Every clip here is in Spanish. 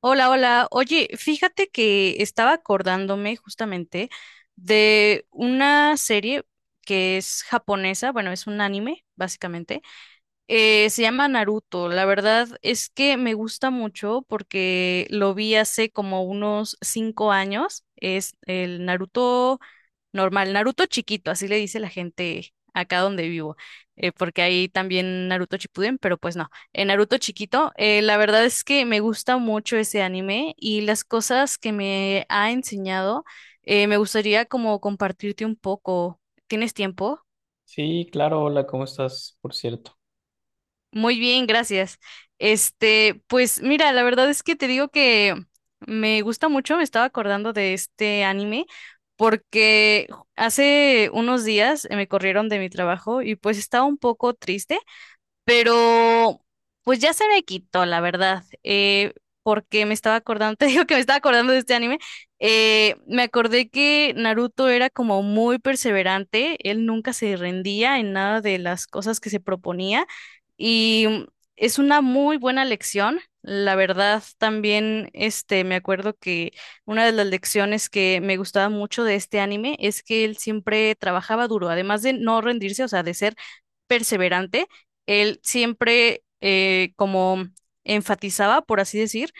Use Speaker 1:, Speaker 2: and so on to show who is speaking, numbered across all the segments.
Speaker 1: Hola, hola. Oye, fíjate que estaba acordándome justamente de una serie que es japonesa, bueno, es un anime, básicamente. Se llama Naruto. La verdad es que me gusta mucho porque lo vi hace como unos 5 años. Es el Naruto normal, Naruto chiquito, así le dice la gente acá donde vivo, porque hay también Naruto Shippuden, pero pues no, en Naruto chiquito. La verdad es que me gusta mucho ese anime y las cosas que me ha enseñado. Me gustaría como compartirte un poco. ¿Tienes tiempo?
Speaker 2: Sí, claro, hola, ¿cómo estás? Por cierto.
Speaker 1: Muy bien, gracias. Este, pues mira, la verdad es que te digo que me gusta mucho, me estaba acordando de este anime porque hace unos días me corrieron de mi trabajo y pues estaba un poco triste, pero pues ya se me quitó, la verdad, porque me estaba acordando, te digo que me estaba acordando de este anime. Me acordé que Naruto era como muy perseverante, él nunca se rendía en nada de las cosas que se proponía, y es una muy buena lección. La verdad, también este, me acuerdo que una de las lecciones que me gustaba mucho de este anime es que él siempre trabajaba duro, además de no rendirse, o sea, de ser perseverante. Él siempre como enfatizaba, por así decir,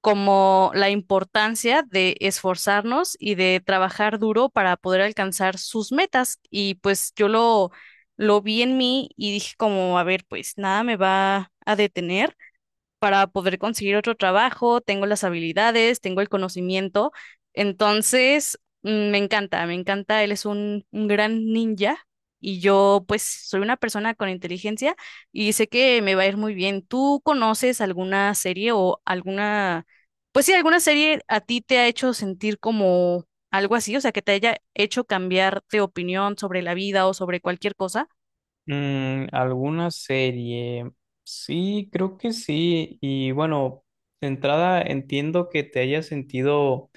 Speaker 1: como la importancia de esforzarnos y de trabajar duro para poder alcanzar sus metas. Y pues yo lo vi en mí y dije como, a ver, pues nada me va a detener para poder conseguir otro trabajo, tengo las habilidades, tengo el conocimiento. Entonces, me encanta, él es un gran ninja y yo pues soy una persona con inteligencia y sé que me va a ir muy bien. ¿Tú conoces alguna serie o alguna, pues sí, alguna serie a ti te ha hecho sentir como algo así, o sea, que te haya hecho cambiar de opinión sobre la vida o sobre cualquier cosa?
Speaker 2: Mm, ¿alguna serie? Sí, creo que sí. Y bueno, de entrada entiendo que te hayas sentido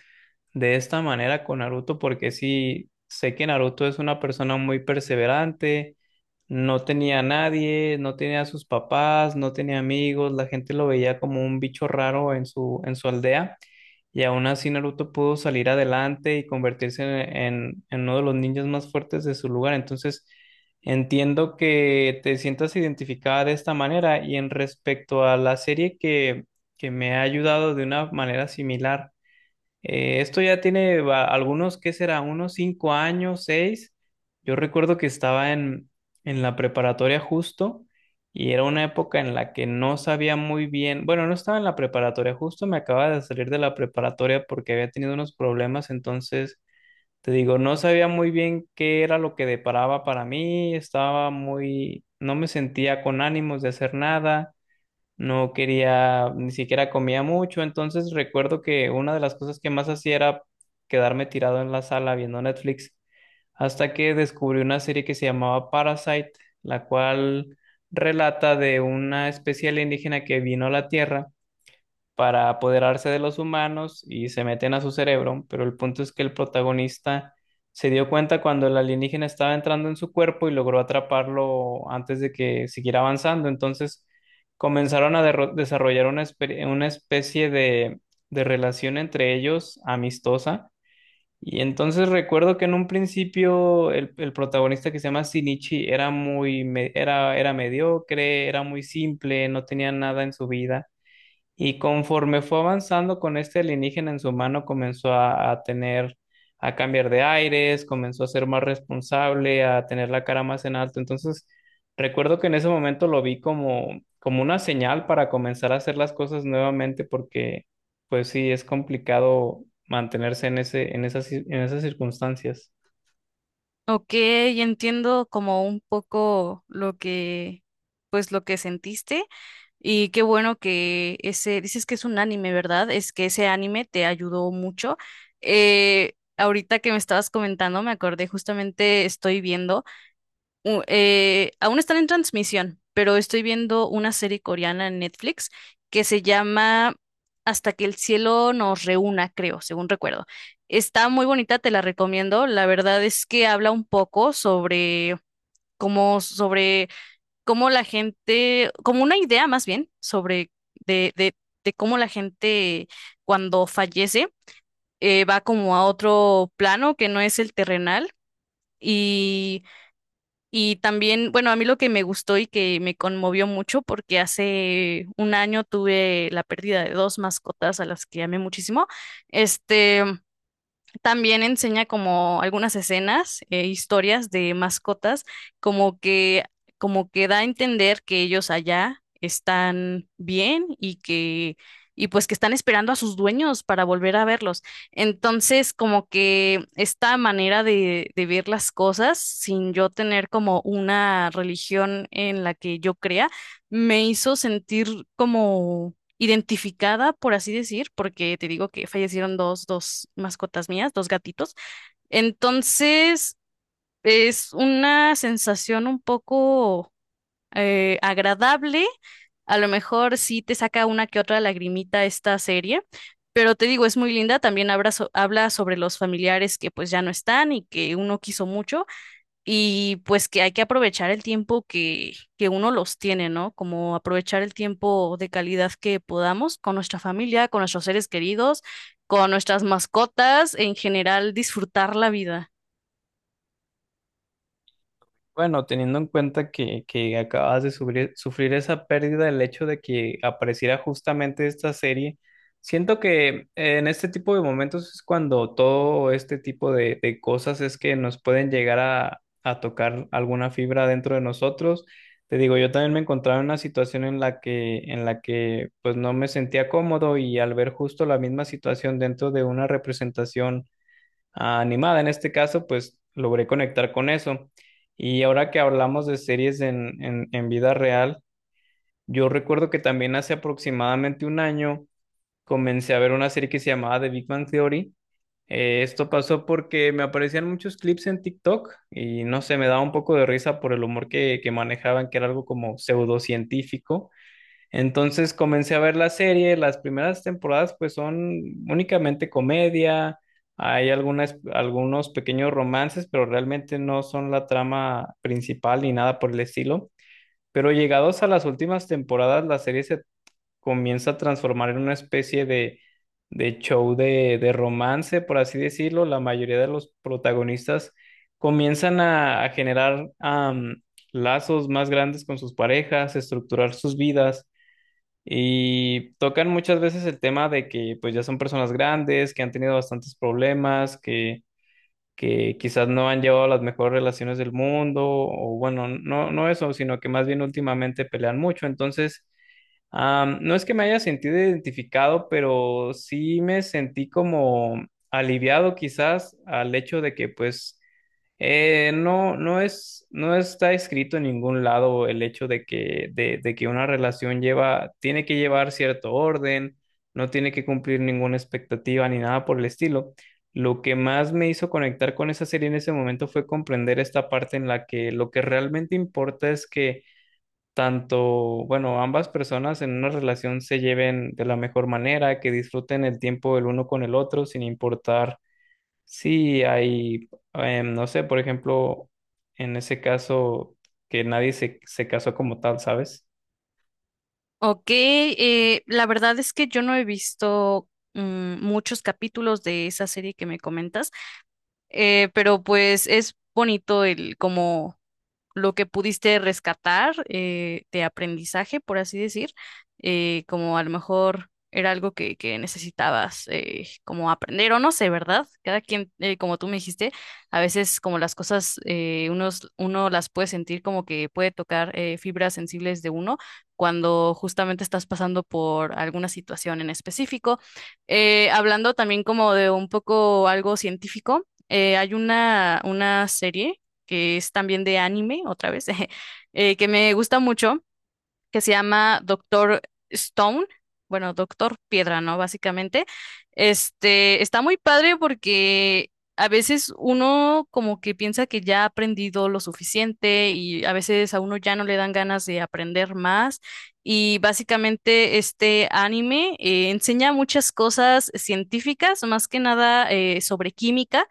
Speaker 2: de esta manera con Naruto, porque sí, sé que Naruto es una persona muy perseverante, no tenía a nadie, no tenía a sus papás, no tenía amigos, la gente lo veía como un bicho raro en su aldea. Y aún así Naruto pudo salir adelante y convertirse en uno de los ninjas más fuertes de su lugar. Entonces, entiendo que te sientas identificada de esta manera y en respecto a la serie que me ha ayudado de una manera similar. Esto ya tiene algunos, ¿qué será? Unos 5 años, 6. Yo recuerdo que estaba en la preparatoria justo y era una época en la que no sabía muy bien, bueno, no estaba en la preparatoria justo, me acababa de salir de la preparatoria porque había tenido unos problemas, entonces, te digo, no sabía muy bien qué era lo que deparaba para mí, estaba muy, no me sentía con ánimos de hacer nada, no quería, ni siquiera comía mucho. Entonces recuerdo que una de las cosas que más hacía era quedarme tirado en la sala viendo Netflix, hasta que descubrí una serie que se llamaba Parasite, la cual relata de una especie alienígena que vino a la Tierra para apoderarse de los humanos y se meten a su cerebro, pero el punto es que el protagonista se dio cuenta cuando el alienígena estaba entrando en su cuerpo y logró atraparlo antes de que siguiera avanzando. Entonces comenzaron a desarrollar una especie de relación entre ellos amistosa. Y entonces recuerdo que en un principio el protagonista, que se llama Shinichi, era mediocre, era muy simple, no tenía nada en su vida. Y conforme fue avanzando con este alienígena en su mano, comenzó a tener, a cambiar de aires, comenzó a ser más responsable, a tener la cara más en alto. Entonces, recuerdo que en ese momento lo vi como, como una señal para comenzar a hacer las cosas nuevamente, porque pues sí, es complicado mantenerse en ese, en esas, ci- en esas circunstancias.
Speaker 1: Ok, entiendo como un poco lo que, pues lo que sentiste, y qué bueno que ese, dices que es un anime, ¿verdad? Es que ese anime te ayudó mucho. Ahorita que me estabas comentando, me acordé justamente, estoy viendo aún están en transmisión, pero estoy viendo una serie coreana en Netflix que se llama Hasta que el cielo nos reúna, creo, según recuerdo. Está muy bonita, te la recomiendo. La verdad es que habla un poco sobre cómo la gente, como una idea más bien, sobre de, de, de cómo la gente cuando fallece, va como a otro plano que no es el terrenal. Y y también, bueno, a mí lo que me gustó y que me conmovió mucho, porque hace un año tuve la pérdida de dos mascotas a las que amé muchísimo, este, también enseña como algunas escenas, historias de mascotas, como que, como que da a entender que ellos allá están bien y que, y pues que están esperando a sus dueños para volver a verlos. Entonces, como que esta manera de ver las cosas, sin yo tener como una religión en la que yo crea, me hizo sentir identificada, por así decir, porque te digo que fallecieron dos mascotas mías, dos gatitos. Entonces, es una sensación un poco agradable. A lo mejor sí te saca una que otra lagrimita esta serie, pero te digo, es muy linda. También habla sobre los familiares que pues ya no están y que uno quiso mucho. Y pues que hay que aprovechar el tiempo que uno los tiene, ¿no? Como aprovechar el tiempo de calidad que podamos con nuestra familia, con nuestros seres queridos, con nuestras mascotas, en general, disfrutar la vida.
Speaker 2: Bueno, teniendo en cuenta que acabas de sufrir esa pérdida, el hecho de que apareciera justamente esta serie, siento que en este tipo de momentos es cuando todo este tipo de cosas es que nos pueden llegar a tocar alguna fibra dentro de nosotros. Te digo, yo también me encontraba en una situación en la que pues no me sentía cómodo y al ver justo la misma situación dentro de una representación animada. En este caso, pues logré conectar con eso. Y ahora que hablamos de series en vida real, yo recuerdo que también hace aproximadamente un año comencé a ver una serie que se llamaba The Big Bang Theory. Esto pasó porque me aparecían muchos clips en TikTok y no sé, me daba un poco de risa por el humor que manejaban, que era algo como pseudocientífico. Entonces comencé a ver la serie. Las primeras temporadas pues son únicamente comedia, hay algunas, algunos pequeños romances, pero realmente no son la trama principal ni nada por el estilo. Pero llegados a las últimas temporadas, la serie se comienza a transformar en una especie de show de romance, por así decirlo. La mayoría de los protagonistas comienzan a generar lazos más grandes con sus parejas, estructurar sus vidas. Y tocan muchas veces el tema de que pues ya son personas grandes, que han tenido bastantes problemas, que quizás no han llevado las mejores relaciones del mundo, o bueno, no, no eso, sino que más bien últimamente pelean mucho. Entonces, no es que me haya sentido identificado, pero sí me sentí como aliviado quizás al hecho de que pues no, no está escrito en ningún lado el hecho de de que una relación lleva, tiene que llevar cierto orden, no tiene que cumplir ninguna expectativa ni nada por el estilo. Lo que más me hizo conectar con esa serie en ese momento fue comprender esta parte en la que lo que realmente importa es que tanto, bueno, ambas personas en una relación se lleven de la mejor manera, que disfruten el tiempo el uno con el otro sin importar. Sí, hay, no sé, por ejemplo, en ese caso que nadie se casó como tal, ¿sabes?
Speaker 1: Ok, la verdad es que yo no he visto muchos capítulos de esa serie que me comentas, pero pues es bonito el como lo que pudiste rescatar, de aprendizaje, por así decir. Como a lo mejor era algo que necesitabas, como aprender o no sé, ¿verdad? Cada quien, como tú me dijiste, a veces como las cosas, uno las puede sentir como que puede tocar, fibras sensibles de uno cuando justamente estás pasando por alguna situación en específico. Hablando también como de un poco algo científico, hay una serie que es también de anime, otra vez, que me gusta mucho, que se llama Doctor Stone, bueno, Doctor Piedra, ¿no? Básicamente, este, está muy padre porque a veces uno como que piensa que ya ha aprendido lo suficiente y a veces a uno ya no le dan ganas de aprender más. Y básicamente este anime, enseña muchas cosas científicas, más que nada, sobre química.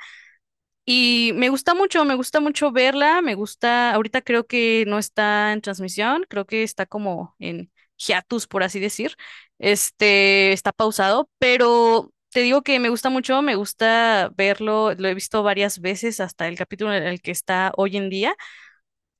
Speaker 1: Y me gusta mucho verla, me gusta, ahorita creo que no está en transmisión, creo que está como en hiatus, por así decir, este, está pausado, pero te digo que me gusta mucho, me gusta verlo, lo he visto varias veces hasta el capítulo en el que está hoy en día.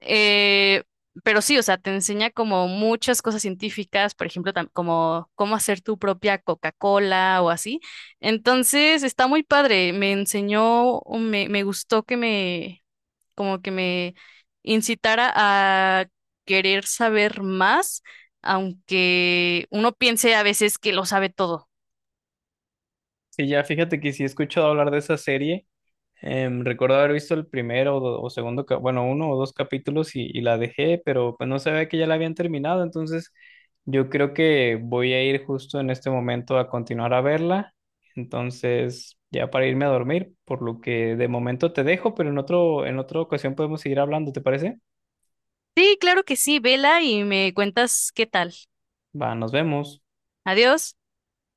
Speaker 1: Eh, pero sí, o sea, te enseña como muchas cosas científicas, por ejemplo, como cómo hacer tu propia Coca-Cola o así. Entonces, está muy padre. Me enseñó, o me gustó que como que me incitara a querer saber más, aunque uno piense a veces que lo sabe todo.
Speaker 2: Sí, ya fíjate que sí he escuchado hablar de esa serie. Recuerdo haber visto el primero o, o segundo, bueno, uno o dos capítulos, y la dejé, pero pues no sabía que ya la habían terminado, entonces yo creo que voy a ir justo en este momento a continuar a verla. Entonces, ya para irme a dormir, por lo que de momento te dejo, pero en otra ocasión podemos seguir hablando, ¿te parece?
Speaker 1: Sí, claro que sí, vela y me cuentas qué tal.
Speaker 2: Va, nos vemos.
Speaker 1: Adiós.